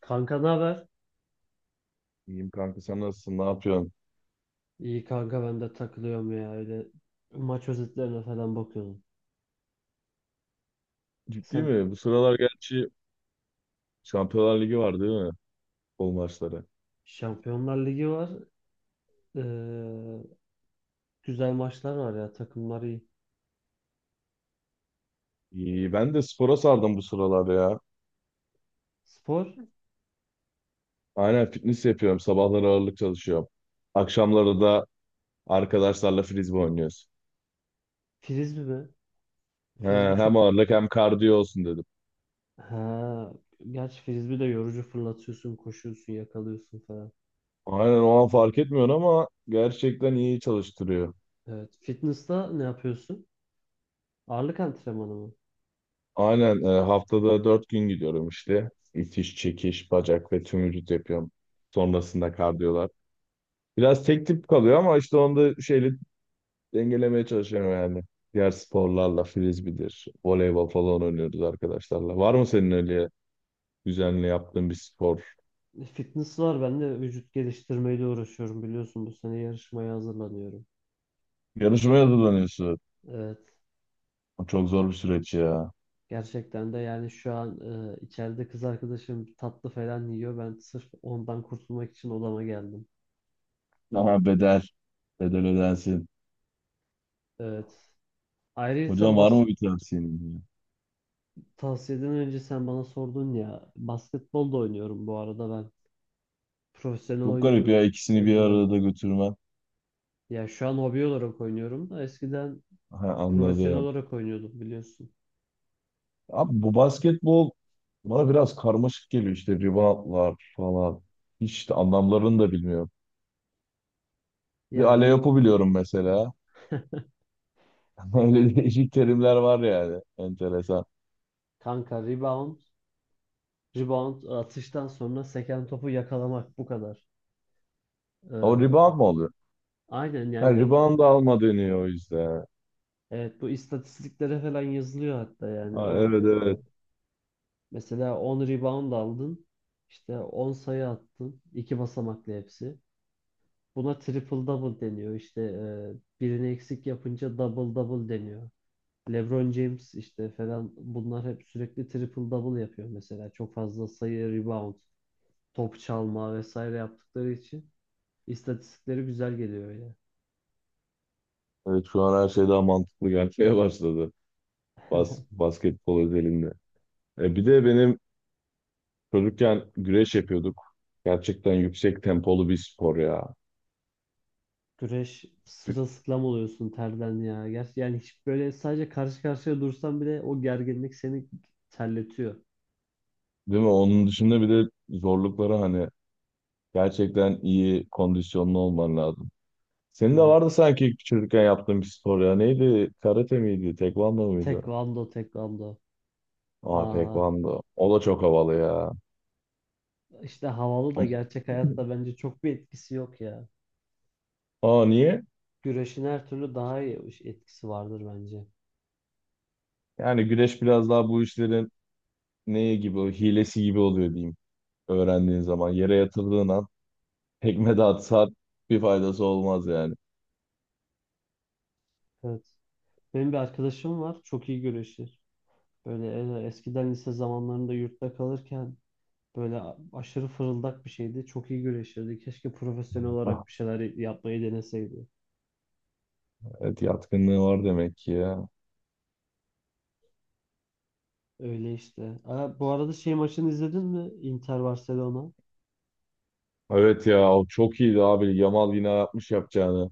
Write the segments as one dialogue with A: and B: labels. A: Kanka ne haber?
B: İyiyim kanka sen nasılsın? Ne yapıyorsun?
A: İyi kanka ben de takılıyorum ya öyle maç özetlerine falan bakıyordum.
B: Ciddi
A: Sen
B: mi? Bu sıralar gerçi Şampiyonlar Ligi var değil mi? Futbol maçları.
A: Şampiyonlar Ligi var. Ee, Güzel maçlar var ya takımlar iyi.
B: İyi. Ben de spora sardım bu sıralar ya.
A: Spor
B: Aynen fitness yapıyorum. Sabahları ağırlık çalışıyorum. Akşamları da arkadaşlarla frisbee oynuyoruz.
A: frisbee mi?
B: He,
A: Frisbee
B: hem
A: çok
B: ağırlık hem kardiyo olsun dedim.
A: ha gerçi frisbee de yorucu fırlatıyorsun, koşuyorsun, yakalıyorsun falan.
B: Aynen o an fark etmiyorsun ama gerçekten iyi çalıştırıyor.
A: Evet. Fitness'ta ne yapıyorsun? Ağırlık antrenmanı mı?
B: Aynen haftada 4 gün gidiyorum işte. İtiş, çekiş, bacak ve tüm vücut yapıyorum. Sonrasında kardiyolar. Biraz tek tip kalıyor ama işte onda şeyle dengelemeye çalışıyorum yani. Diğer sporlarla frisbee'dir, voleybol falan oynuyoruz arkadaşlarla. Var mı senin öyle düzenli yaptığın bir spor?
A: Fitness var. Ben de vücut geliştirmeyle uğraşıyorum biliyorsun. Bu sene yarışmaya hazırlanıyorum.
B: Yarışmaya hazırlanıyorsun.
A: Evet.
B: O çok zor bir süreç ya.
A: Gerçekten de yani şu an içeride kız arkadaşım tatlı falan yiyor. Ben sırf ondan kurtulmak için odama geldim.
B: Ama bedel, bedel ödensin.
A: Evet. Ayrıca
B: Hocam var mı bir tavsiyen ya?
A: tavsiyeden önce sen bana sordun ya basketbol da oynuyorum bu arada ben. Profesyonel
B: Çok garip
A: oynuyordum
B: ya ikisini bir
A: önceden.
B: arada götürmen.
A: Ya şu an hobi olarak oynuyorum da eskiden
B: Ha,
A: profesyonel
B: anladım.
A: olarak oynuyordum biliyorsun.
B: Abi bu basketbol bana biraz karmaşık geliyor işte reboundlar falan. Hiç de anlamlarını da bilmiyorum. Bir
A: Ya
B: Ale
A: rib-
B: biliyorum mesela. Öyle değişik terimler var yani. Enteresan.
A: Kanka rebound atıştan sonra seken topu yakalamak bu kadar.
B: O
A: Ee,
B: rebound mı oluyor?
A: aynen
B: Ha,
A: yani.
B: rebound alma deniyor o yüzden.
A: Evet bu istatistiklere falan yazılıyor hatta yani
B: Ha,
A: o
B: evet, evet.
A: mesela 10 rebound aldın işte 10 sayı attın iki basamaklı hepsi. Buna triple double deniyor işte birini eksik yapınca double double deniyor. LeBron James işte falan bunlar hep sürekli triple double yapıyor mesela çok fazla sayı rebound top çalma vesaire yaptıkları için istatistikleri güzel geliyor.
B: Evet, şu an her şey daha mantıklı gelmeye başladı. Basketbol özelinde. Bir de benim çocukken güreş yapıyorduk. Gerçekten yüksek tempolu bir spor ya.
A: Güreş sırılsıklam oluyorsun terden ya. Gerçi yani hiç böyle sadece karşı karşıya dursan bile o gerginlik seni terletiyor.
B: Değil mi? Onun dışında bir de zorlukları, hani gerçekten iyi kondisyonlu olman lazım. Senin de
A: Evet.
B: vardı sanki çocukken yaptığın bir spor ya. Neydi? Karate miydi? Tekvando muydu?
A: Tekvando, tekvando.
B: Aa,
A: Aa,
B: tekvando. O da çok havalı ya.
A: işte havalı da
B: Ama-
A: gerçek hayatta bence çok bir etkisi yok ya.
B: Aa, niye?
A: Güreşin her türlü daha iyi etkisi vardır bence.
B: Yani güreş biraz daha bu işlerin neye gibi, hilesi gibi oluyor diyeyim. Öğrendiğin zaman yere yatırdığın an tekme de atsa bir faydası olmaz yani.
A: Evet. Benim bir arkadaşım var. Çok iyi güreşir. Böyle eskiden lise zamanlarında yurtta kalırken böyle aşırı fırıldak bir şeydi. Çok iyi güreşirdi. Keşke profesyonel
B: Ah,
A: olarak bir şeyler yapmayı deneseydi.
B: evet, yatkınlığı var demek ki ya.
A: Öyle işte. Bu arada şey maçını izledin mi? Inter Barcelona.
B: Evet ya, o çok iyiydi abi. Yamal yine yapmış yapacağını.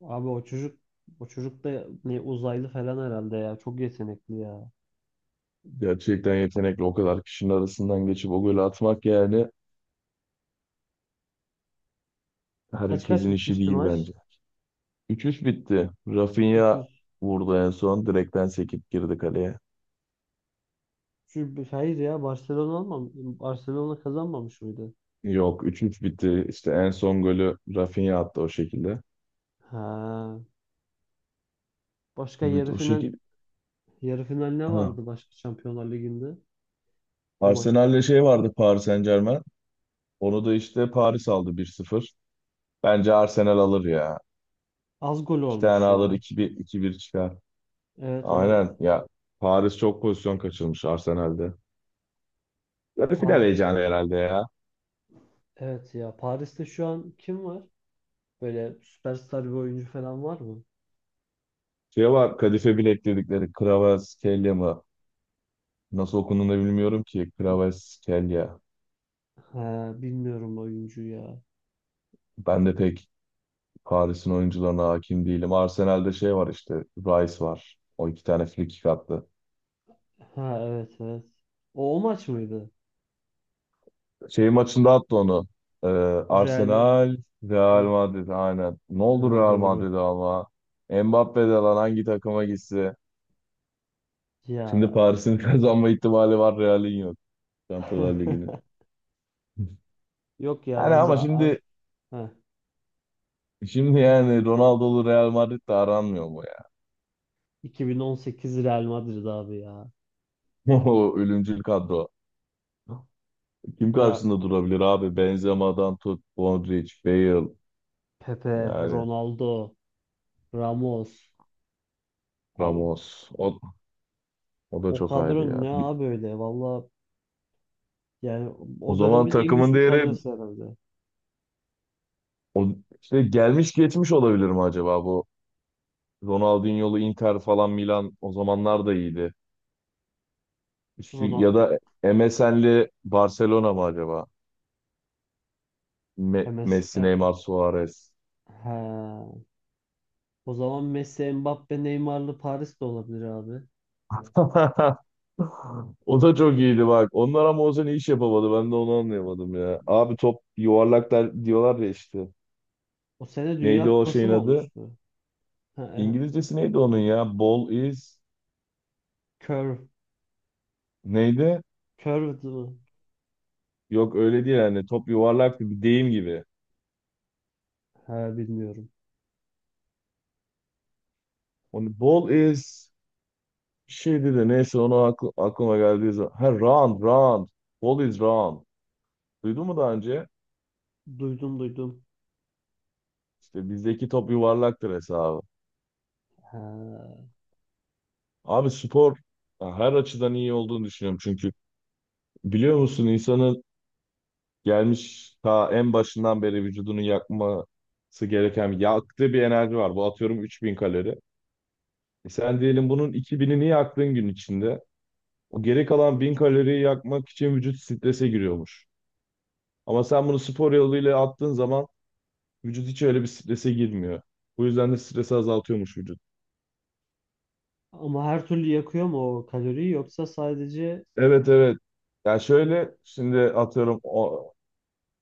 A: Abi o çocuk da ne uzaylı falan herhalde ya. Çok yetenekli ya.
B: Gerçekten yetenekli, o kadar kişinin arasından geçip o golü atmak yani
A: Kaç kaç
B: herkesin işi
A: bitmişti
B: değil
A: maç?
B: bence. 3-3 bitti. Rafinha
A: 300.
B: vurdu en son. Direkten sekip girdi kaleye.
A: Hayır ya Barcelona almam. Barcelona kazanmamış mıydı?
B: Yok, 3-3 bitti. İşte en son golü Rafinha attı o şekilde.
A: Ha. Başka
B: Evet,
A: yarı
B: o
A: final
B: şekil.
A: yarı final ne
B: Ha.
A: vardı başka Şampiyonlar Ligi'nde? O maçta.
B: Arsenal'le şey vardı, Paris Saint-Germain. Onu da işte Paris aldı, 1-0. Bence Arsenal alır ya.
A: Az gol
B: İki tane
A: olmuş
B: alır,
A: ya.
B: 2-1 2-1 çıkar.
A: Evet evet.
B: Aynen ya. Paris çok pozisyon kaçırmış Arsenal'de. Yarı final
A: Paris.
B: heyecanı herhalde ya.
A: Evet ya. Paris'te şu an kim var? Böyle süperstar bir oyuncu falan var mı?
B: Şey var, Kadife Bilek dedikleri, Kvaratskhelia mı? Nasıl okunduğunu da bilmiyorum ki. Kvaratskhelia.
A: Ha, bilmiyorum oyuncu ya.
B: Ben de pek Paris'in oyuncularına hakim değilim. Arsenal'de şey var işte. Rice var. O iki tane frikik attı.
A: Ha evet evet. O maç mıydı?
B: Şey maçında attı onu. Ee,
A: Real Ma-
B: Arsenal, Real Madrid aynen. Ne oldu
A: Ha
B: Real
A: doğru.
B: Madrid'e ama? Mbappe de lan, hangi takıma gitse. Şimdi
A: Ya.
B: Paris'in kazanma ihtimali var. Real'in yok. Şampiyonlar Ligi'nin.
A: Yok ya
B: Yani
A: bence
B: ama şimdi
A: Ha,
B: şimdi yani Ronaldo'lu Real Madrid'de aranmıyor mu ya?
A: 2018 Real Madrid abi ya.
B: O ölümcül kadro. Kim
A: Ya
B: karşısında durabilir abi? Benzema'dan tut, Modric, Bale
A: Pepe,
B: yani.
A: Ronaldo, Ramos. Abi,
B: Ramos. O da
A: o
B: çok ayrı
A: kadro
B: ya.
A: ne
B: Bir-
A: abi öyle? Valla yani
B: O
A: o
B: zaman
A: dönemin en
B: takımın
A: güçlü
B: değeri
A: kadrosu herhalde.
B: o, işte gelmiş geçmiş olabilir mi acaba bu? Ronaldinho'lu Inter falan Milan o zamanlar da iyiydi. Üstü,
A: Ronaldo,
B: ya da MSN'li Barcelona mı acaba? Me-
A: MS,
B: Messi, Neymar, Suarez.
A: ha. O zaman Messi, Mbappe, Neymar'lı Paris de olabilir abi.
B: O da çok iyiydi bak. Onlar ama o sene iş yapamadı. Ben de onu anlayamadım ya. Abi top yuvarlak der, diyorlar ya işte.
A: O sene
B: Neydi
A: Dünya
B: o
A: Kupası
B: şeyin
A: mı
B: adı?
A: olmuştu? Ha, e,
B: İngilizcesi neydi onun ya? Ball is
A: Curve.
B: neydi?
A: Curved mı?
B: Yok, öyle değil yani. Top yuvarlaktı, bir deyim gibi.
A: Ha, bilmiyorum.
B: Onu ball is bir şeydi de neyse, onu aklıma geldiği zaman. Ha, round round. Ball is round. Duydun mu daha önce?
A: Duydum duydum.
B: İşte bizdeki top yuvarlaktır hesabı.
A: Ha,
B: Abi, spor ya her açıdan iyi olduğunu düşünüyorum, çünkü biliyor musun, insanın gelmiş ta en başından beri vücudunun yakması gereken, yaktığı bir enerji var. Bu atıyorum 3000 kalori. E sen diyelim bunun 2000'ini yaktığın gün içinde. O geri kalan 1000 kaloriyi yakmak için vücut strese giriyormuş. Ama sen bunu spor yoluyla attığın zaman vücut hiç öyle bir strese girmiyor. Bu yüzden de stresi azaltıyormuş vücut.
A: ama her türlü yakıyor mu o kaloriyi yoksa sadece.
B: Evet, evet. Ya şöyle, şimdi atıyorum o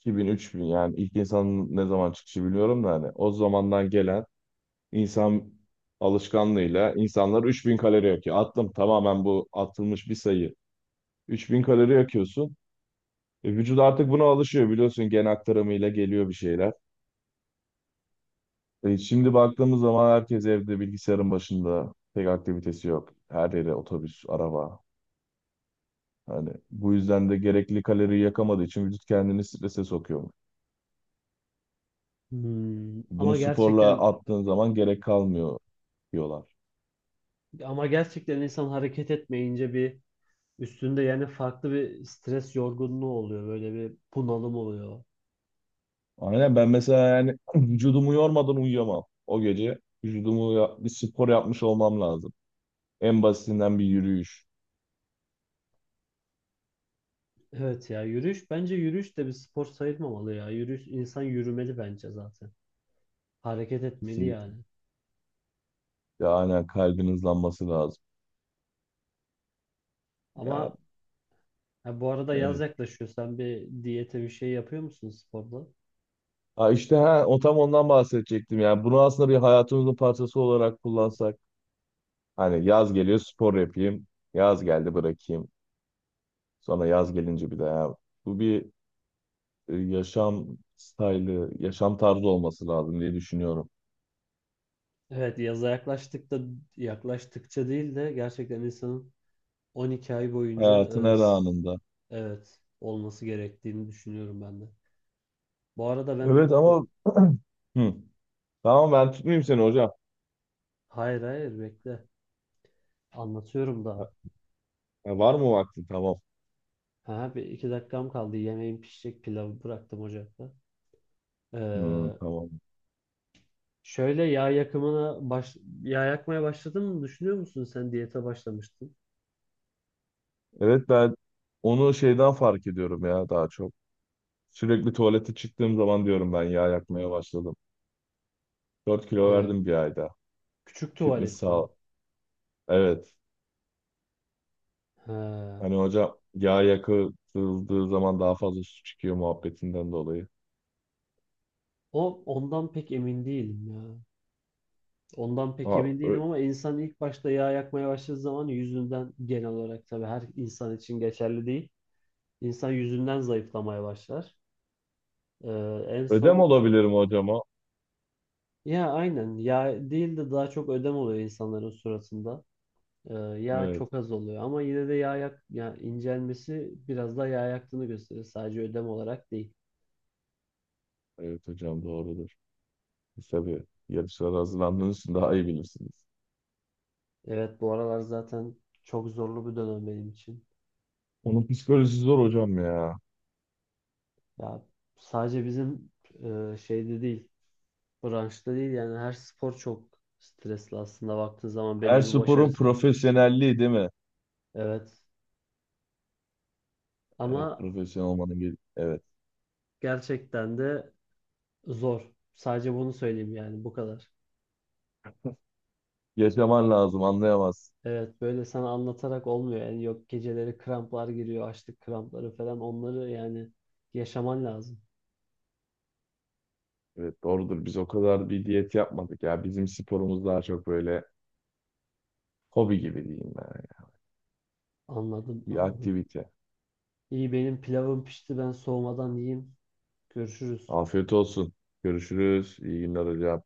B: 2000 3000, yani ilk insanın ne zaman çıkışı biliyorum da hani o zamandan gelen insan alışkanlığıyla insanlar 3000 kalori yakıyor. Attım, tamamen bu atılmış bir sayı. 3000 kalori yakıyorsun. Vücut artık buna alışıyor, biliyorsun, gen aktarımıyla geliyor bir şeyler. Şimdi baktığımız zaman herkes evde bilgisayarın başında. Pek aktivitesi yok. Her yere otobüs, araba. Hani bu yüzden de gerekli kaloriyi yakamadığı için vücut kendini strese sokuyor. Bunu
A: Ama
B: sporla
A: gerçekten
B: attığın zaman gerek kalmıyor diyorlar.
A: ama gerçekten insan hareket etmeyince bir üstünde yani farklı bir stres yorgunluğu oluyor. Böyle bir bunalım oluyor.
B: Aynen ben mesela yani vücudumu yormadan uyuyamam. O gece vücudumu bir spor yapmış olmam lazım. En basitinden bir yürüyüş
A: Evet ya yürüyüş bence yürüyüş de bir spor sayılmamalı ya. Yürüyüş insan yürümeli bence zaten. Hareket etmeli
B: kesinlikle.
A: yani.
B: Ya aynen, kalbin hızlanması lazım. Ya,
A: Ama. Ha, bu arada yaz
B: evet.
A: yaklaşıyor. Sen bir diyete bir şey yapıyor musun sporda?
B: Ha, işte o tam ondan bahsedecektim. Yani bunu aslında bir hayatımızın parçası olarak kullansak. Hani yaz geliyor spor yapayım. Yaz geldi bırakayım. Sonra yaz gelince bir daha ya. Bu bir yaşam stili, yaşam tarzı olması lazım diye düşünüyorum.
A: Evet, yaza yaklaştık da yaklaştıkça değil de gerçekten insanın 12 ay boyunca
B: Hayatın her anında.
A: evet olması gerektiğini düşünüyorum ben de. Bu arada ben
B: Evet ama hı, tamam, ben tutmayayım seni hocam.
A: hayır hayır bekle anlatıyorum daha.
B: Ya, var mı vaktin? Tamam.
A: Ha, bir iki dakikam kaldı. Yemeğim pişecek pilavı bıraktım ocakta.
B: Hı,
A: Ee,
B: tamam.
A: Şöyle yağ yakımına yağ yakmaya başladın mı düşünüyor musun? Sen diyete başlamıştın.
B: Evet, ben onu şeyden fark ediyorum ya, daha çok. Sürekli tuvalete çıktığım zaman diyorum ben yağ yakmaya başladım. 4 kilo
A: Ee,
B: verdim bir ayda.
A: Küçük
B: Fitness
A: tuvalet mi?
B: sağ Evet.
A: He.
B: Hani hocam yağ yakıldığı zaman daha fazla su çıkıyor muhabbetinden dolayı.
A: Ondan pek emin değilim ya. Ondan pek
B: Ha,
A: emin
B: ö-
A: değilim ama insan ilk başta yağ yakmaya başladığı zaman yüzünden genel olarak tabii her insan için geçerli değil. İnsan yüzünden zayıflamaya başlar. Ee, En
B: ödem
A: son
B: olabilirim hocama.
A: ya aynen yağ değil de daha çok ödem oluyor insanların suratında. Yağ
B: Evet.
A: çok az oluyor ama yine de yağ yak ya incelmesi biraz daha yağ yaktığını gösterir. Sadece ödem olarak değil.
B: Evet hocam, doğrudur. Siz tabii yarışlara hazırlandığınız için daha iyi bilirsiniz.
A: Evet bu aralar zaten çok zorlu bir dönem benim için.
B: Onun psikolojisi zor hocam ya.
A: Ya sadece bizim şeyde değil, branşta değil yani her spor çok stresli aslında baktığın zaman belli
B: Her
A: bir
B: sporun
A: başarısı.
B: profesyonelliği değil mi?
A: Evet.
B: Evet,
A: Ama
B: profesyonel olmanın. Evet.
A: gerçekten de zor. Sadece bunu söyleyeyim yani bu kadar.
B: Yaşaman lazım, anlayamaz.
A: Evet böyle sana anlatarak olmuyor. Yani yok geceleri kramplar giriyor, açlık krampları falan onları yani yaşaman lazım.
B: Evet, doğrudur. Biz o kadar bir diyet yapmadık ya. Bizim sporumuz daha çok böyle hobi gibi diyeyim.
A: Anladım,
B: Bir
A: anladım.
B: aktivite.
A: İyi benim pilavım pişti ben soğumadan yiyeyim. Görüşürüz.
B: Afiyet olsun. Görüşürüz. İyi günler hocam.